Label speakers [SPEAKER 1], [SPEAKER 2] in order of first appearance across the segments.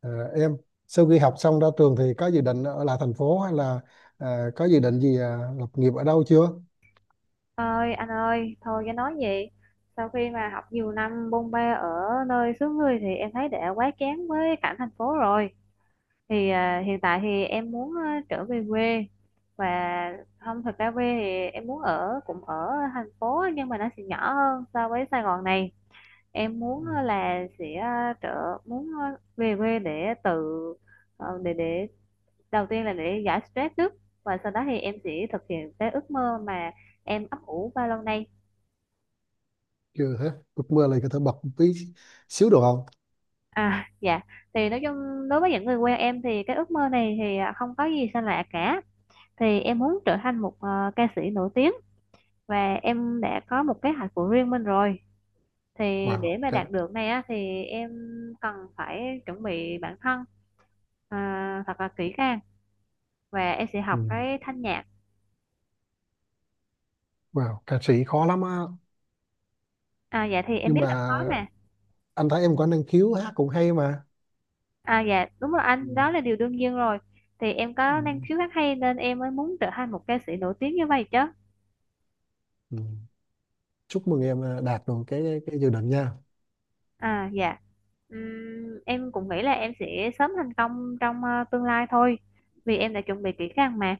[SPEAKER 1] À, em sau khi học xong ra trường thì có dự định ở lại thành phố hay là có dự định gì lập nghiệp ở đâu chưa?
[SPEAKER 2] Ơi anh ơi thôi cái nói gì. Sau khi mà học nhiều năm bôn ba ở nơi xứ người thì em thấy đã quá chán với cảnh thành phố rồi. Hiện tại thì em muốn trở về quê và không, thật ra quê thì em muốn ở cũng ở thành phố nhưng mà nó sẽ nhỏ hơn so với Sài Gòn này. Em
[SPEAKER 1] Ừ,
[SPEAKER 2] muốn là sẽ trở muốn về quê để tự, để đầu tiên là để giải stress trước, và sau đó thì em sẽ thực hiện cái ước mơ mà em ấp ủ bao lâu nay.
[SPEAKER 1] chưa hết. Ước mơ là có thể bật một tí xíu được không?
[SPEAKER 2] À, dạ, thì nói chung đối với những người quen em thì cái ước mơ này không có gì xa lạ cả. Thì em muốn trở thành một ca sĩ nổi tiếng, và em đã có một kế hoạch của riêng mình rồi. Thì để
[SPEAKER 1] Wow,
[SPEAKER 2] mà đạt được này á, thì em cần phải chuẩn bị bản thân thật là kỹ càng, và em sẽ
[SPEAKER 1] ừ,
[SPEAKER 2] học cái thanh nhạc.
[SPEAKER 1] wow, ca sĩ khó lắm á.
[SPEAKER 2] À dạ, thì em
[SPEAKER 1] Nhưng
[SPEAKER 2] biết
[SPEAKER 1] mà
[SPEAKER 2] là khó mà.
[SPEAKER 1] anh thấy em có năng khiếu hát cũng hay mà.
[SPEAKER 2] À dạ, đúng rồi
[SPEAKER 1] Ừ,
[SPEAKER 2] anh, đó là điều đương nhiên rồi. Thì em
[SPEAKER 1] ừ,
[SPEAKER 2] có năng khiếu hát hay nên em mới muốn trở thành một ca sĩ nổi tiếng như vậy chứ.
[SPEAKER 1] ừ. Chúc mừng em đạt được cái dự định nha.
[SPEAKER 2] À dạ. Em cũng nghĩ là em sẽ sớm thành công trong tương lai thôi, vì em đã chuẩn bị kỹ càng mà.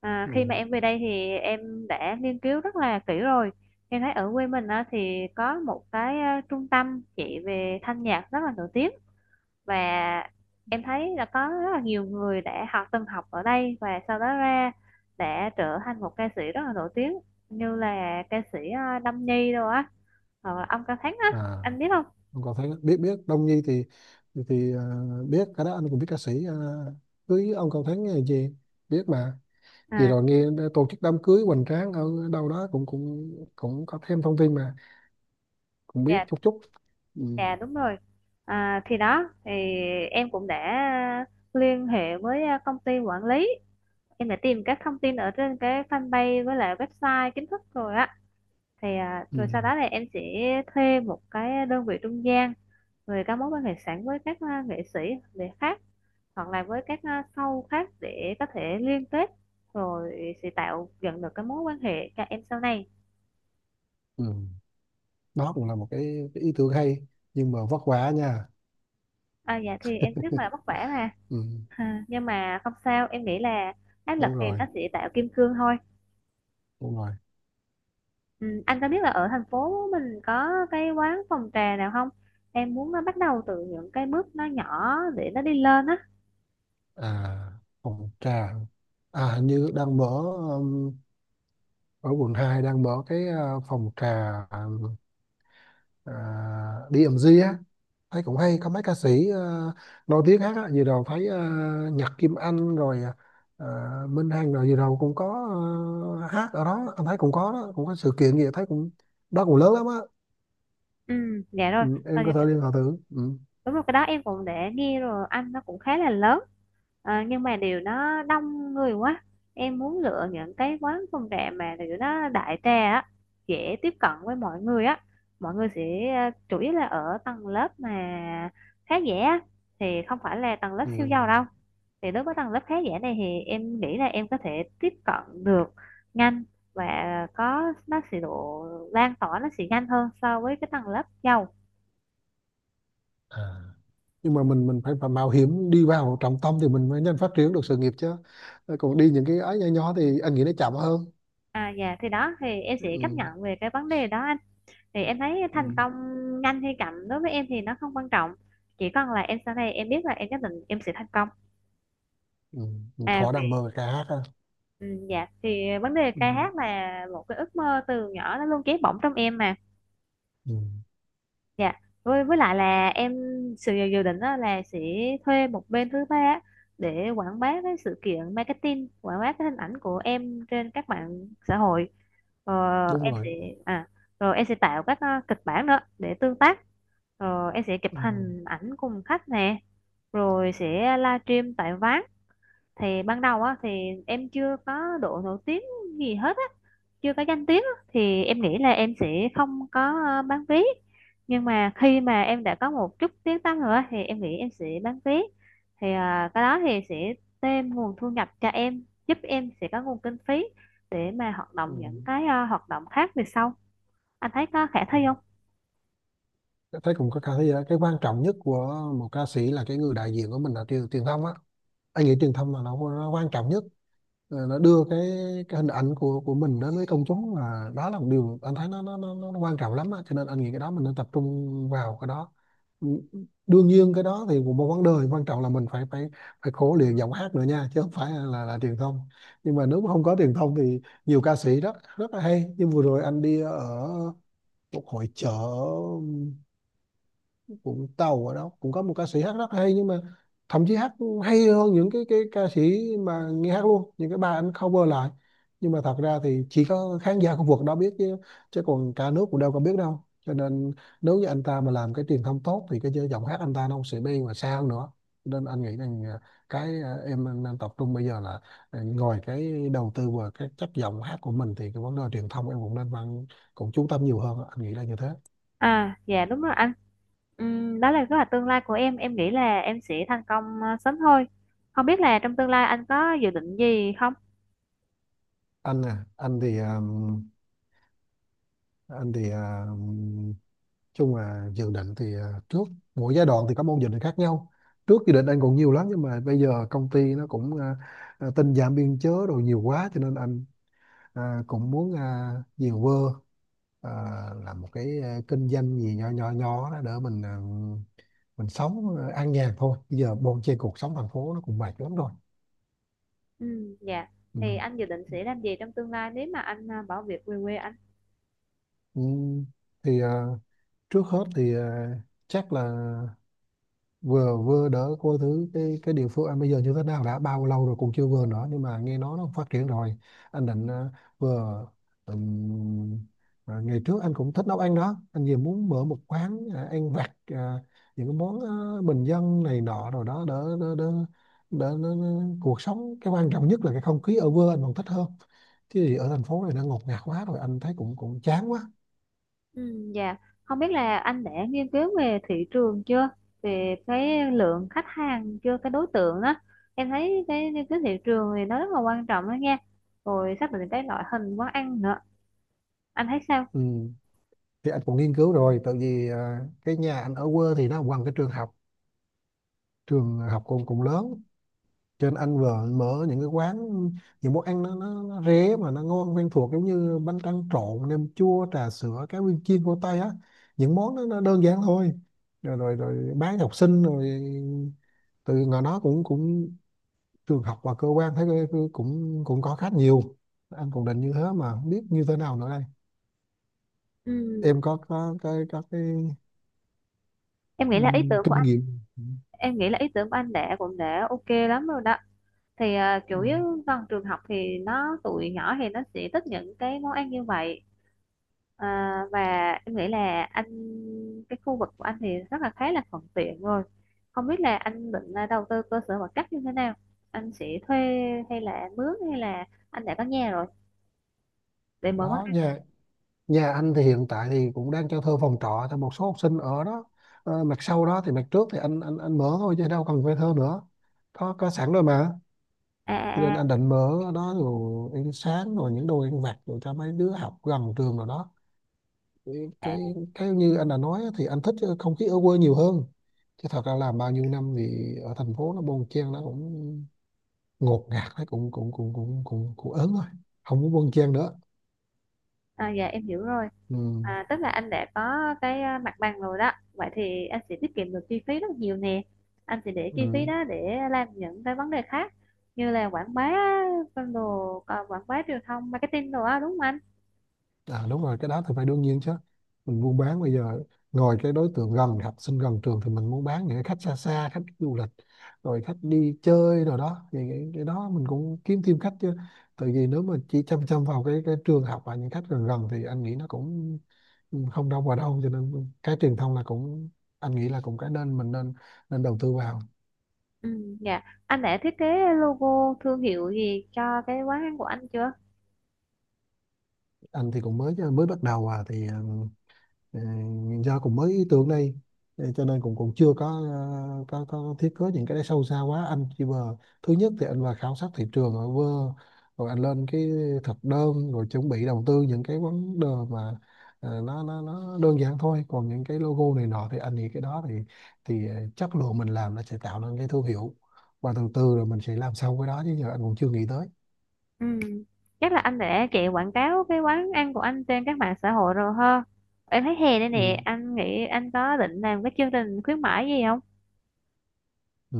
[SPEAKER 2] À,
[SPEAKER 1] Ừ.
[SPEAKER 2] khi mà em về đây thì em đã nghiên cứu rất là kỹ rồi. Em thấy ở quê mình á, thì có một cái trung tâm chỉ về thanh nhạc rất là nổi tiếng, và em thấy là có rất là nhiều người đã học, từng học ở đây và sau đó ra đã trở thành một ca sĩ rất là nổi tiếng, như là ca sĩ Đâm Nhi đâu á, hoặc là ông Cao Thắng á,
[SPEAKER 1] À,
[SPEAKER 2] anh biết không?
[SPEAKER 1] không có thấy biết biết Đông Nhi thì thì, thì à, biết cái đó anh cũng biết ca sĩ cưới ông Cao Thắng hay gì biết mà. Vì
[SPEAKER 2] À,
[SPEAKER 1] rồi nghe tổ chức đám cưới hoành tráng ở đâu đó cũng cũng cũng có thêm thông tin mà cũng biết
[SPEAKER 2] dạ,
[SPEAKER 1] chút chút. Ừ.
[SPEAKER 2] dạ đúng rồi. À, thì đó, thì em cũng đã liên hệ với công ty quản lý. Em đã tìm các thông tin ở trên cái fanpage với lại website chính thức rồi á.
[SPEAKER 1] Ừ.
[SPEAKER 2] Rồi sau đó thì em sẽ thuê một cái đơn vị trung gian về các mối quan hệ sẵn với các nghệ sĩ để khác, hoặc là với các show khác để có thể liên kết, rồi sẽ tạo dựng được cái mối quan hệ cho em sau này.
[SPEAKER 1] Ừ. Đó cũng là một cái ý tưởng hay nhưng mà vất vả nha.
[SPEAKER 2] À, dạ thì em rất là vất vả mà.
[SPEAKER 1] Ừ.
[SPEAKER 2] À, nhưng mà không sao, em nghĩ là áp lực
[SPEAKER 1] Đúng
[SPEAKER 2] thì
[SPEAKER 1] rồi,
[SPEAKER 2] nó sẽ tạo kim cương thôi.
[SPEAKER 1] đúng rồi.
[SPEAKER 2] Ừ, anh có biết là ở thành phố mình có cái quán phòng trà nào không? Em muốn nó bắt đầu từ những cái bước nó nhỏ để nó đi lên á.
[SPEAKER 1] À, phòng trà. À, hình như đang mở um, ở quận 2 đang mở cái phòng trà, à, DMG á. Thấy cũng hay có mấy ca sĩ nổi tiếng hát á, vừa rồi thấy Nhật Kim Anh rồi, ờ, Minh Hằng rồi vừa rồi cũng có hát ở đó, anh thấy cũng có đó, cũng có sự kiện gì thấy cũng đó cũng lớn lắm á.
[SPEAKER 2] Ừ, dạ
[SPEAKER 1] Ừ,
[SPEAKER 2] rồi. Ờ,
[SPEAKER 1] em có thể liên hệ thử, ừ.
[SPEAKER 2] đúng rồi, cái đó em cũng để nghe rồi anh, nó cũng khá là lớn. Ờ, nhưng mà điều nó đông người quá, em muốn lựa những cái quán phong trà mà điều nó đại trà á, dễ tiếp cận với mọi người á. Mọi người sẽ chủ yếu là ở tầng lớp mà khá giả á, thì không phải là tầng lớp
[SPEAKER 1] Ừ.
[SPEAKER 2] siêu giàu đâu. Thì đối với tầng lớp khá giả này thì em nghĩ là em có thể tiếp cận được nhanh, và có nó sẽ độ lan tỏa nó sẽ nhanh hơn so với cái tầng lớp giàu.
[SPEAKER 1] À. Nhưng mà mình phải mạo hiểm đi vào trọng tâm thì mình mới nhanh phát triển được sự nghiệp chứ. Ờ, còn đi những cái ấy nhỏ nhỏ thì anh nghĩ nó chậm hơn,
[SPEAKER 2] À dạ, thì đó thì em sẽ chấp
[SPEAKER 1] ừ.
[SPEAKER 2] nhận về cái vấn đề đó anh. Thì em thấy
[SPEAKER 1] Ừ.
[SPEAKER 2] thành công nhanh hay chậm đối với em thì nó không quan trọng, chỉ cần là em sau này em biết là em nhất định em sẽ thành công.
[SPEAKER 1] Ừ. Mình
[SPEAKER 2] À
[SPEAKER 1] thỏa
[SPEAKER 2] vì,
[SPEAKER 1] đam mê ca hát ha.
[SPEAKER 2] ừ, dạ, thì vấn đề
[SPEAKER 1] Ừ.
[SPEAKER 2] ca hát là một cái ước mơ từ nhỏ nó luôn cháy bỏng trong em mà.
[SPEAKER 1] Ừ.
[SPEAKER 2] Dạ, với lại là em, sự dự dự định đó là sẽ thuê một bên thứ ba á, để quảng bá cái sự kiện marketing, quảng bá cái hình ảnh của em trên các mạng xã hội. Ờ,
[SPEAKER 1] Đúng
[SPEAKER 2] em
[SPEAKER 1] rồi,
[SPEAKER 2] sẽ, à, rồi em sẽ tạo các kịch bản nữa để tương tác. Rồi em sẽ chụp
[SPEAKER 1] ừ.
[SPEAKER 2] hình ảnh cùng khách nè, rồi sẽ livestream tại Ván. Thì ban đầu á thì em chưa có độ nổi tiếng gì hết á, chưa có danh tiếng á, thì em nghĩ là em sẽ không có bán vé. Nhưng mà khi mà em đã có một chút tiếng tăm rồi á, thì em nghĩ em sẽ bán vé. Cái đó thì sẽ thêm nguồn thu nhập cho em, giúp em sẽ có nguồn kinh phí để mà hoạt
[SPEAKER 1] Ừ.
[SPEAKER 2] động những cái hoạt động khác về sau. Anh thấy có khả thi
[SPEAKER 1] Ừ.
[SPEAKER 2] không?
[SPEAKER 1] Tôi thấy cũng có khả thi đó. Cái quan trọng nhất của một ca sĩ là cái người đại diện của mình là truyền truyền thông á. Anh nghĩ truyền thông là nó quan trọng nhất. Ờ, nó đưa cái hình ảnh của mình đến với công chúng là đó là một điều anh thấy nó quan trọng lắm á. Cho nên anh nghĩ cái đó mình nên tập trung vào cái đó. Ừ, đương nhiên cái đó thì cũng một vấn đề quan trọng là mình phải phải phải khổ luyện giọng hát nữa nha chứ không phải là truyền thông. Nhưng mà nếu mà không có truyền thông thì nhiều ca sĩ rất rất là hay. Nhưng vừa rồi anh đi ở một hội chợ Vũng Tàu, ở đó cũng có một ca sĩ hát rất hay nhưng mà thậm chí hát hay hơn những cái ca sĩ mà nghe hát luôn, những cái bài anh cover lại, nhưng mà thật ra thì chỉ có khán giả khu vực đó biết chứ chứ còn cả nước cũng đâu có biết đâu, cho nên nếu như anh ta mà làm cái truyền thông tốt thì cái giọng hát anh ta nó không sẽ đi mà xa hơn nữa. Cho nên anh nghĩ rằng cái em nên tập trung bây giờ là ngoài cái đầu tư vào cái chất giọng hát của mình thì cái vấn đề truyền thông em cũng nên văn cũng chú tâm nhiều hơn, anh nghĩ là như thế.
[SPEAKER 2] À, dạ đúng rồi anh. Đó là kế hoạch tương lai của em. Em nghĩ là em sẽ thành công sớm thôi. Không biết là trong tương lai anh có dự định gì không?
[SPEAKER 1] Anh à anh thì à, anh thì à, chung là dự định thì trước mỗi giai đoạn thì có môn dự định khác nhau. Trước dự định anh còn nhiều lắm nhưng mà bây giờ công ty nó cũng tinh giảm biên chế rồi nhiều quá cho nên anh cũng muốn nhiều vơ à, làm một cái kinh doanh gì nhỏ nhỏ nhỏ đó để mình mình sống an nhàn thôi, bây giờ bon chen cuộc sống thành phố nó cũng mệt lắm rồi.
[SPEAKER 2] Dạ.
[SPEAKER 1] Ừ.
[SPEAKER 2] Thì anh dự định sẽ làm gì trong tương lai nếu mà anh bỏ việc về quê anh?
[SPEAKER 1] Ừ. Thì trước hết thì chắc là vừa vừa đỡ coi thứ cái địa phương anh bây giờ như thế nào, đã bao lâu rồi cũng chưa vừa nữa nhưng mà nghe nói nó phát triển rồi. Anh định vừa, ừm, ngày trước anh cũng thích nấu ăn đó, anh vừa muốn mở một quán ăn vặt, những cái món bình dân này nọ rồi đó. Đỡ đỡ đỡ đỡ đỡ- đỡ- Cuộc sống cái quan trọng nhất là cái không khí ở quê anh còn thích hơn, chứ gì ở thành phố này nó ngột ngạt quá rồi, anh thấy cũng cũng chán quá.
[SPEAKER 2] Dạ. Không biết là anh đã nghiên cứu về thị trường chưa? Về cái lượng khách hàng chưa? Cái đối tượng đó. Em thấy cái nghiên cứu thị trường thì nó rất là quan trọng đó nha. Rồi xác định cái loại hình quán ăn nữa. Anh thấy sao?
[SPEAKER 1] Ừ. Thì anh cũng nghiên cứu rồi tại vì cái nhà anh ở quê thì nó gần cái trường học. Trường học cũng cũng lớn cho nên anh vợ mở những cái quán, những món ăn nó rẻ mà nó ngon, quen thuộc giống như bánh tráng trộn, nem chua, trà sữa, cá viên chiên của Tây á. Những món đó nó đơn giản thôi, rồi rồi, rồi bán cho học sinh rồi, từ ngoài đó cũng cũng trường học và cơ quan thấy cái cũng cũng có khách nhiều. Anh cũng định như thế mà không biết như thế nào nữa đây.
[SPEAKER 2] Ừm,
[SPEAKER 1] Em có có cái,
[SPEAKER 2] em nghĩ là ý tưởng của
[SPEAKER 1] kinh nghiệm,
[SPEAKER 2] em nghĩ là ý tưởng của anh đã cũng đã ok lắm rồi đó. Thì à, chủ
[SPEAKER 1] ừm,
[SPEAKER 2] yếu gần trường học thì nó tụi nhỏ thì nó sẽ thích những cái món ăn như vậy. À, và em nghĩ là anh, cái khu vực của anh thì rất là khá là thuận tiện rồi. Không biết là anh định đầu tư cơ sở vật chất như thế nào, anh sẽ thuê hay là mướn, hay là anh đã có nhà rồi để mở món
[SPEAKER 1] đó
[SPEAKER 2] ăn.
[SPEAKER 1] nha. Nhà anh thì hiện tại thì cũng đang cho thuê phòng trọ cho một số học sinh ở đó. Ờ, mặt sau đó thì mặt trước thì anh mở thôi chứ đâu cần thuê thơ nữa. Có sẵn rồi mà.
[SPEAKER 2] à
[SPEAKER 1] Cho nên
[SPEAKER 2] à
[SPEAKER 1] anh định mở ở đó rồi ăn sáng rồi những đồ ăn vặt rồi cho mấy đứa học gần trường rồi đó.
[SPEAKER 2] à, à,
[SPEAKER 1] Cái như anh đã nói á, thì anh thích cái không khí ở quê nhiều hơn. Chứ thật ra làm bao nhiêu năm thì ở thành phố nó bon chen, nó cũng ngột ngạt, nó cũng cũng cũng cũng cũng cũng ớn rồi. Không muốn bon chen nữa.
[SPEAKER 2] À dạ, em hiểu rồi.
[SPEAKER 1] Ừ.
[SPEAKER 2] À, tức là anh đã có cái mặt bằng rồi đó, vậy thì anh sẽ tiết kiệm được chi phí rất nhiều nè, anh sẽ để chi phí
[SPEAKER 1] Ừ.
[SPEAKER 2] đó để làm những cái vấn đề khác, như là quảng bá, con đồ, còn quảng bá truyền thông marketing đồ á, đúng không anh?
[SPEAKER 1] À đúng rồi, cái đó thì phải đương nhiên chứ. Mình buôn bán bây giờ ngồi cái đối tượng gần học sinh gần trường thì mình muốn bán những cái khách xa xa, khách du lịch, rồi khách đi chơi rồi đó. Thì cái đó mình cũng kiếm thêm khách chứ. Tại vì nếu mà chỉ chăm chăm vào cái trường học và những khách gần gần thì anh nghĩ nó cũng không đâu vào đâu, cho nên cái truyền thông là cũng anh nghĩ là cũng cái nên mình nên nên đầu tư vào.
[SPEAKER 2] Ừ dạ, anh đã thiết kế logo thương hiệu gì cho cái quán ăn của anh chưa?
[SPEAKER 1] Anh thì cũng mới mới bắt đầu à thì Ờ, do cũng mới ý tưởng đây, cho nên cũng cũng chưa có có thiết kế những cái đấy sâu xa quá. Anh chỉ vừa thứ nhất thì anh vào khảo sát thị trường ở vơ rồi anh lên cái thực đơn rồi chuẩn bị đầu tư những cái vấn đề mà, nó đơn giản thôi. Còn những cái logo này nọ thì anh nghĩ cái đó thì chất lượng mình làm nó sẽ tạo nên cái thương hiệu và từ từ rồi mình sẽ làm sâu cái đó, chứ giờ anh cũng chưa nghĩ tới.
[SPEAKER 2] Ừ, chắc là anh đã chạy quảng cáo cái quán ăn của anh trên các mạng xã hội rồi ha. Em thấy hè đây
[SPEAKER 1] Ừ.
[SPEAKER 2] nè, anh nghĩ anh có định làm cái chương trình khuyến mãi gì không?
[SPEAKER 1] Ừ.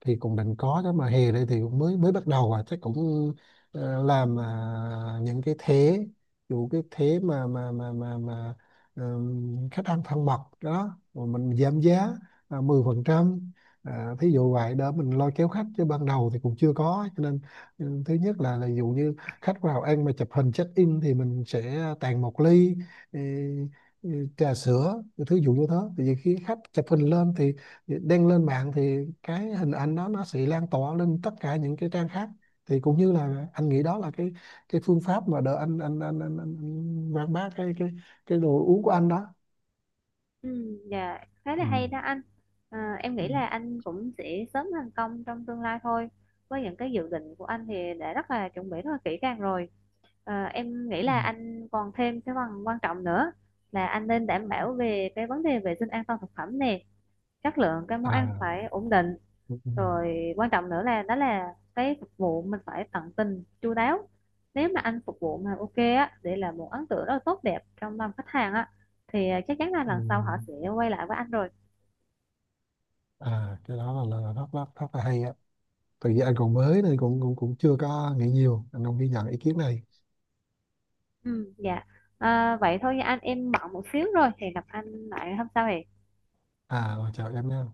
[SPEAKER 1] Thì cũng định có đó mà hè đây thì cũng mới mới bắt đầu à, chắc cũng làm những cái thế dụ cái thế mà khách ăn thân mật đó rồi mình giảm giá 10%, thí dụ vậy đó, mình lo kéo khách chứ ban đầu thì cũng chưa có, cho nên ừ, thứ nhất là dụ như khách vào ăn mà chụp hình check in thì mình sẽ tặng một ly, ừ, trà sữa thứ dụ như thế. Thì khi khách chụp hình lên thì đăng lên mạng thì cái hình ảnh đó nó sẽ lan tỏa lên tất cả những cái trang khác. Thì cũng như là anh nghĩ đó là cái phương pháp mà đỡ anh quảng bá cái đồ uống của anh đó.
[SPEAKER 2] Ừ, dạ, khá là
[SPEAKER 1] Ừ.
[SPEAKER 2] hay đó anh. À, em
[SPEAKER 1] Ừ.
[SPEAKER 2] nghĩ là anh cũng sẽ sớm thành công trong tương lai thôi, với những cái dự định của anh thì đã rất là chuẩn bị rất là kỹ càng rồi. À, em nghĩ
[SPEAKER 1] Ừ.
[SPEAKER 2] là anh còn thêm cái phần quan trọng nữa, là anh nên đảm bảo về cái vấn đề vệ sinh an toàn thực phẩm nè, chất lượng cái món ăn
[SPEAKER 1] À.
[SPEAKER 2] phải ổn định.
[SPEAKER 1] Ừ. Ừ.
[SPEAKER 2] Rồi quan trọng nữa là đó là cái phục vụ mình phải tận tình chu đáo. Nếu mà anh phục vụ mà ok á, để là một ấn tượng rất là tốt đẹp trong lòng khách hàng á, thì à, chắc chắn là
[SPEAKER 1] Ừ.
[SPEAKER 2] lần sau họ sẽ quay lại với anh rồi.
[SPEAKER 1] À, cái đó là rất rất rất là hay á, tại vì anh còn mới nên cũng cũng cũng chưa có nghĩ nhiều, anh không ghi nhận ý kiến này.
[SPEAKER 2] Ừ dạ. À, vậy thôi nha anh, em bận một xíu rồi thì gặp anh lại hôm sau hẹn.
[SPEAKER 1] À, chào em nha.